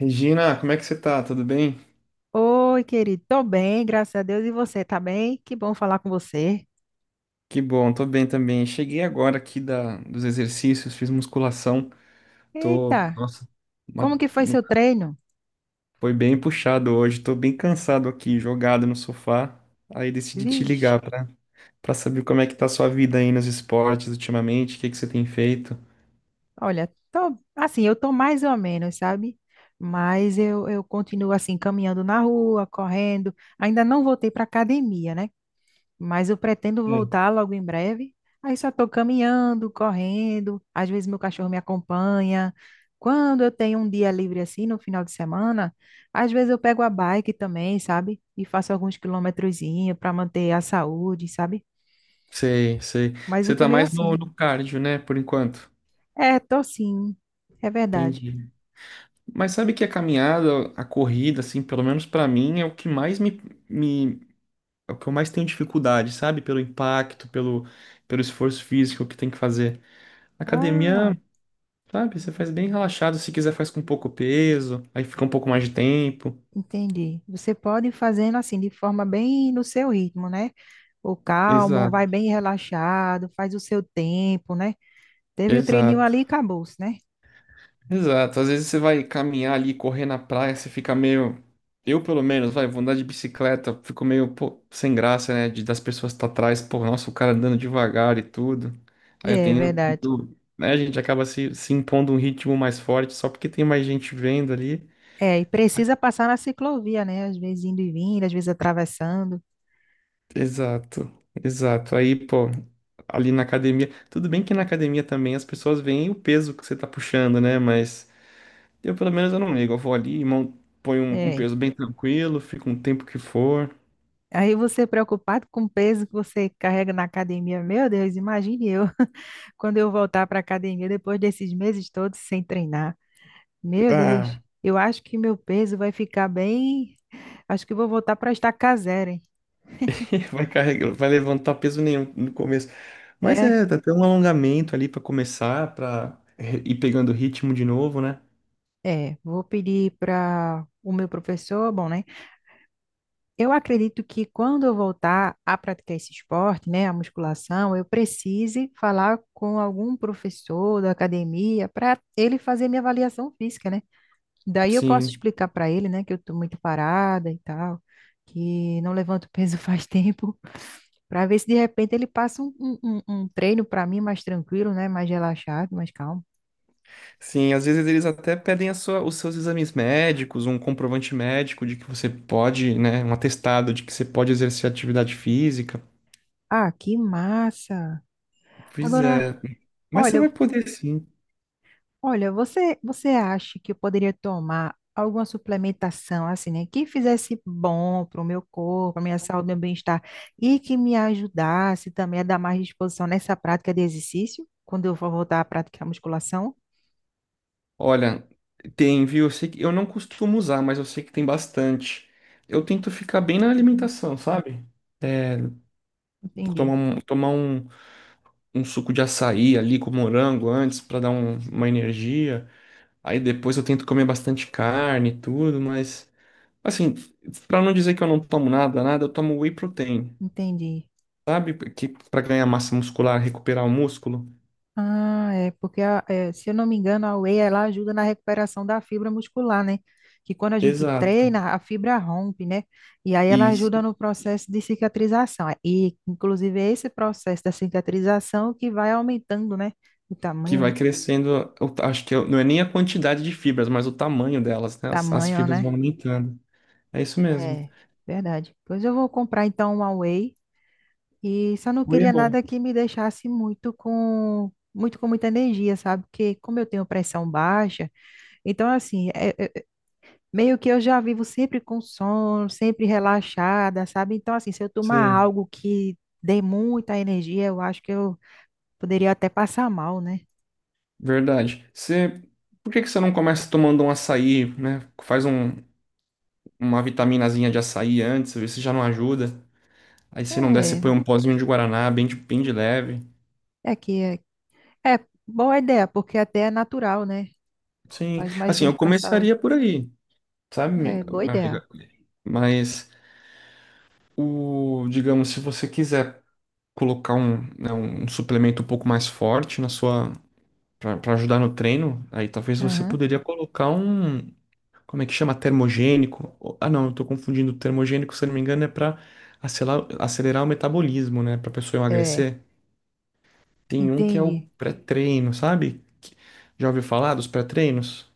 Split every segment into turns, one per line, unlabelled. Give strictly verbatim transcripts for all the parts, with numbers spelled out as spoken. Regina, como é que você tá? Tudo bem?
Oi, querido. Tô bem, graças a Deus. E você, tá bem? Que bom falar com você.
Que bom, tô bem também. Cheguei agora aqui da, dos exercícios, fiz musculação. Tô,
Eita,
nossa,
como
uma-
que foi
uma-
seu treino?
foi bem puxado hoje. Tô bem cansado aqui, jogado no sofá. Aí decidi te
Vixe,
ligar pra, pra saber como é que tá a sua vida aí nos esportes ultimamente, o que que você tem feito.
olha, tô, assim, eu tô mais ou menos, sabe? Mas eu, eu continuo assim, caminhando na rua, correndo. Ainda não voltei pra academia, né? Mas eu pretendo
É.
voltar logo em breve. Aí só estou caminhando, correndo, às vezes meu cachorro me acompanha. Quando eu tenho um dia livre assim, no final de semana, às vezes eu pego a bike também, sabe? E faço alguns quilometrozinhos para manter a saúde, sabe?
Sei, sei.
Mas eu
Você
tô
tá
meio
mais no,
assim.
no cardio, né, por enquanto.
É, tô sim. É verdade.
Entendi. Mas sabe que a caminhada, a corrida, assim, pelo menos pra mim, é o que mais me, me é o que eu mais tenho dificuldade, sabe? Pelo impacto, pelo, pelo esforço físico que tem que fazer.
Ah,
Academia, sabe? Você faz bem relaxado, se quiser faz com pouco peso, aí fica um pouco mais de tempo.
entendi. Você pode ir fazendo assim, de forma bem no seu ritmo, né? O calmo, vai
Exato,
bem relaxado, faz o seu tempo, né? Teve o treininho
exato,
ali e acabou-se, né?
exato. Às vezes você vai caminhar ali, correr na praia, você fica meio. Eu, pelo menos, vai, vou andar de bicicleta, fico meio, pô, sem graça, né? De, das pessoas que tá atrás, pô, nossa, o cara andando devagar e tudo. Aí eu
É
tenho, eu
verdade.
tento, né? A gente acaba se, se impondo um ritmo mais forte só porque tem mais gente vendo ali.
É, e precisa passar na ciclovia, né? Às vezes indo e vindo, às vezes atravessando.
Exato, exato. Aí, pô, ali na academia, tudo bem que na academia também as pessoas veem o peso que você tá puxando, né? Mas eu, pelo menos, eu não ligo. Eu vou ali e mon- ponho um, um
É.
peso bem tranquilo, fico um tempo que for.
Aí você preocupado com o peso que você carrega na academia. Meu Deus, imagine eu quando eu voltar para a academia depois desses meses todos sem treinar. Meu Deus,
Ah,
eu acho que meu peso vai ficar bem. Acho que vou voltar para a estaca zero, hein?
vai carregar, vai levantar peso nenhum no começo. Mas
É,
é, dá até um alongamento ali pra começar, pra re- ir pegando ritmo de novo, né?
é. Vou pedir para o meu professor, bom, né? Eu acredito que quando eu voltar a praticar esse esporte, né, a musculação, eu precise falar com algum professor da academia para ele fazer minha avaliação física, né? Daí eu posso
Sim.
explicar para ele, né, que eu estou muito parada e tal, que não levanto peso faz tempo, para ver se de repente ele passa um, um, um- um treino para mim mais tranquilo, né, mais relaxado, mais calmo.
Sim, às vezes eles até pedem a sua- os seus exames médicos, um comprovante médico de que você pode, né, um atestado de que você pode exercer atividade física.
Ah, que massa!
Pois
Agora,
é, mas você
olha,
vai poder sim.
olha, você, você acha que eu poderia tomar alguma suplementação assim, né, que fizesse bom para o meu corpo, para a minha saúde, meu bem-estar e que me ajudasse também a dar mais disposição nessa prática de exercício, quando eu for voltar à prática da musculação?
Olha, tem, viu? Eu sei que eu não costumo usar, mas eu sei que tem bastante. Eu tento ficar bem na
Hum,
alimentação, sabe? É. Tomar
Entendi,
um, tomar um, um suco de açaí ali com morango antes para dar um- uma energia. Aí depois eu tento comer bastante carne e tudo, mas assim, pra não dizer que eu não tomo nada, nada, eu tomo whey protein,
entendi.
sabe? Que para ganhar massa muscular, recuperar o músculo.
Ah, é porque a- é, se eu não me engano, a whey ela ajuda na recuperação da fibra muscular, né? Que quando a gente
Exato.
treina, a fibra rompe, né? E aí ela
E isso
ajuda no processo de cicatrização. E inclusive é esse processo da cicatrização que vai aumentando, né? O
que
tamanho,
vai
né?
crescendo, eu acho que eu- não é nem a quantidade de fibras, mas o tamanho delas, né? As, as
Tamanho,
fibras vão
né?
aumentando. É isso mesmo.
É, verdade. Pois eu vou comprar então uma whey e só não
Whey é
queria
bom.
nada que me deixasse muito com muito com muita energia, sabe? Porque como eu tenho pressão baixa, então assim, é, é, meio que eu já vivo sempre com sono, sempre relaxada, sabe? Então, assim, se eu tomar
Sim.
algo que dê muita energia, eu acho que eu poderia até passar mal, né?
Verdade. Você, por que que você não começa tomando um açaí, né? Faz um- uma vitaminazinha de açaí antes, vê se já não ajuda. Aí se não der, você põe
É,
um pozinho de guaraná, bem de, bem de leve.
é que é, é boa ideia, porque até é natural, né?
Sim,
Faz mais
assim,
bem
eu
para a saúde.
começaria por aí, sabe, mi-
É, boa
minha
ideia.
amiga? Mas o, digamos, se você quiser colocar um, né, um suplemento um pouco mais forte na sua para ajudar no treino, aí talvez você
Aham.
poderia colocar um, como é que chama? Termogênico. Ou- Ah, não, eu tô confundindo. Termogênico, se eu não me engano, é para acelerar, acelerar o metabolismo, né, para pessoa
É,
emagrecer. Tem um que é o
entendi.
pré-treino, sabe? Que- Já ouviu falar dos pré-treinos?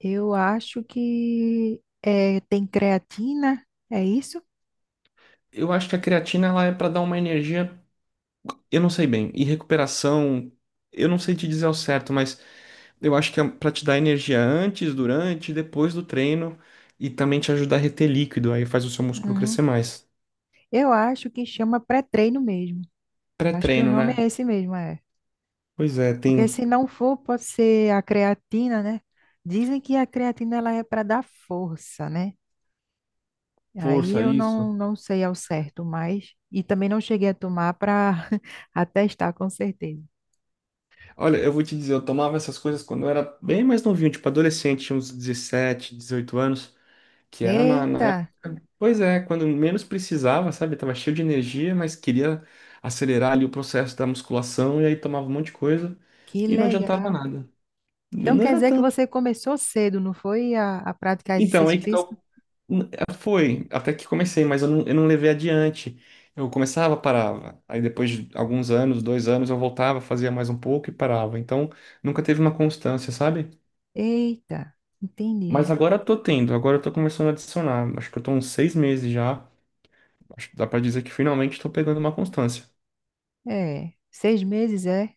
Eu acho que é, tem creatina, é isso?
Eu acho que a creatina ela é para dar uma energia. Eu não sei bem. E recuperação, eu não sei te dizer ao certo, mas eu acho que é para te dar energia antes, durante e depois do treino e também te ajudar a reter líquido, aí faz o seu músculo
Uhum.
crescer mais.
Eu acho que chama pré-treino mesmo. Acho que o
Pré-treino,
nome é
né?
esse mesmo, é.
Pois é,
Porque
tem
se não for, pode ser a creatina, né? Dizem que a creatina ela é para dar força, né? Aí
força
eu
isso.
não, não sei ao certo, mas e também não cheguei a tomar para atestar com certeza.
Olha, eu vou te dizer, eu tomava essas coisas quando eu era bem mais novinho, tipo adolescente, tinha uns dezessete, dezoito anos, que era na,
Eita,
na pois é, quando menos precisava, sabe? Tava cheio de energia, mas queria acelerar ali o processo da musculação e aí tomava um monte de coisa
que
e não adiantava
legal.
nada.
Então
Não
quer
era
dizer que
tanto.
você começou cedo, não foi a, a praticar
Então, aí
exercício
que
físico?
tal. Foi, até que comecei, mas eu não, eu não levei adiante. Eu começava, parava. Aí depois de alguns anos, dois anos, eu voltava, fazia mais um pouco e parava. Então, nunca teve uma constância, sabe?
Eita,
Mas
entendi.
agora eu tô tendo, agora eu tô começando a adicionar. Acho que eu tô uns seis meses já. Acho que dá pra dizer que finalmente tô pegando uma constância.
É, seis meses é?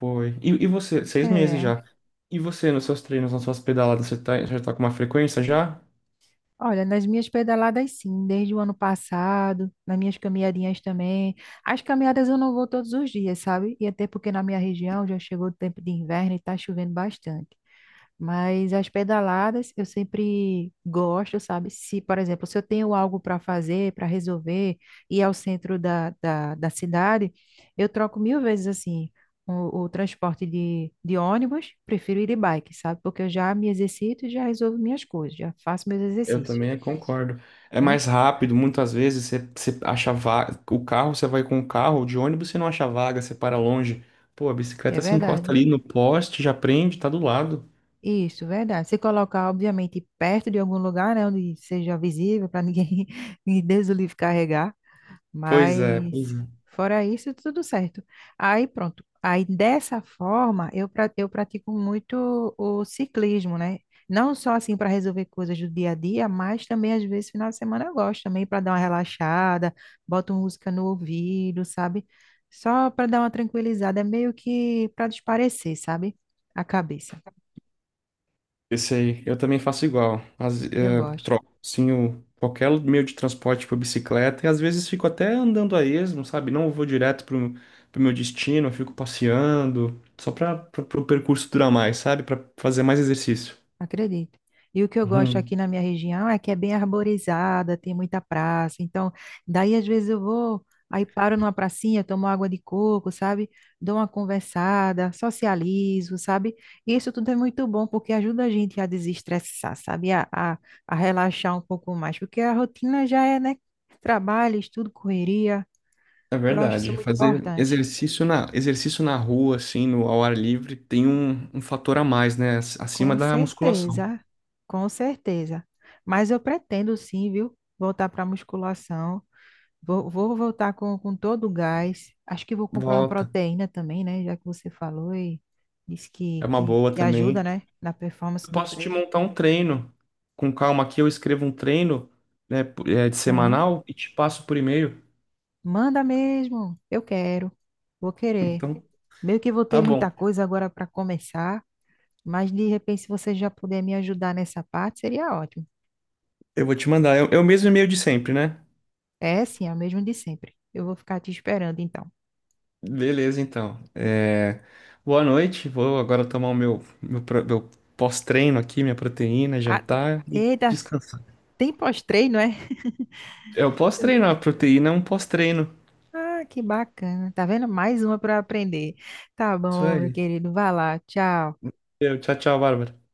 Foi. E, e você, seis meses
É.
já. E você, nos seus treinos, nas suas pedaladas, você tá, já tá com uma frequência já?
Olha, nas minhas pedaladas, sim, desde o ano passado, nas minhas caminhadinhas também. As caminhadas eu não vou todos os dias, sabe? E até porque na minha região já chegou o tempo de inverno e tá chovendo bastante. Mas as pedaladas eu sempre gosto, sabe? Se, por exemplo, se eu tenho algo para fazer, para resolver, ir ao centro da, da, da cidade, eu troco mil vezes assim. O, o transporte de, de ônibus, prefiro ir de bike, sabe? Porque eu já me exercito e já resolvo minhas coisas, já faço meus
Eu
exercícios,
também concordo. É
né?
mais rápido, muitas vezes você, você acha vaga. O carro, você vai com o carro, de ônibus você não acha vaga, você para longe. Pô, a
É
bicicleta se encosta
verdade.
ali no poste, já prende, tá do lado.
Isso, verdade. Se colocar, obviamente, perto de algum lugar, né, onde seja visível, para ninguém, ninguém Deus o livre carregar.
Pois é,
Mas
pois
fora isso, tudo certo. Aí pronto. Aí dessa forma, eu, pra- eu pratico muito o ciclismo, né? Não só assim para resolver coisas do dia a dia, mas também às vezes final de semana eu gosto também para dar uma relaxada, boto música no ouvido, sabe? Só para dar uma tranquilizada, é meio que para desaparecer, sabe? A cabeça.
Esse aí, eu também faço igual. As,
Eu
é,
gosto.
troco, sim, o- qualquer meio de transporte, tipo bicicleta, e às vezes fico até andando a esmo, sabe? Não vou direto pro, pro meu destino, eu fico passeando, só para pra, pro percurso durar mais, sabe? Para fazer mais exercício.
Acredito. E o que eu gosto aqui
Uhum.
na minha região é que é bem arborizada, tem muita praça. Então, daí às vezes eu vou, aí paro numa pracinha, tomo água de coco, sabe? Dou uma conversada, socializo, sabe? E isso tudo é muito bom porque ajuda a gente a desestressar, sabe? A, a, a relaxar um pouco mais, porque a rotina já é, né? Trabalho, estudo, correria.
É
Eu acho isso
verdade.
muito
Fazer
importante.
exercício na, exercício na rua, assim, no, ao ar livre, tem um, um fator a mais, né? Acima
Com
da musculação.
certeza, com certeza. Mas eu pretendo sim, viu? Voltar para musculação. Vou, vou voltar com, com todo o gás. Acho que vou comprar uma
Volta.
proteína também, né? Já que você falou e disse que,
É uma
que,
boa
que
também.
ajuda, né? Na
Eu
performance do
posso te
treino.
montar um treino com calma aqui. Eu escrevo um treino, né, p- é, de
Aham.
semanal e te passo por e-mail.
Manda mesmo. Eu quero. Vou querer.
Então,
Meio que vou ter
tá
muita
bom.
coisa agora para começar, mas de repente, se você já puder me ajudar nessa parte, seria ótimo.
Eu vou te mandar. É o é o mesmo e-mail de sempre, né?
É sim, é o mesmo de sempre. Eu vou ficar te esperando, então.
Beleza, então. É, boa noite. Vou agora tomar o meu, meu, pro- meu pós-treino aqui, minha proteína,
Ah,
jantar e
eita,
descansar.
tem pós-treino, é?
É o pós-treino, a proteína é um pós-treino.
Ah, que bacana. Tá vendo? Mais uma para aprender. Tá
Isso
bom, meu
aí.
querido. Vai lá. Tchau.
Eu, tchau, tchau, Bárbara.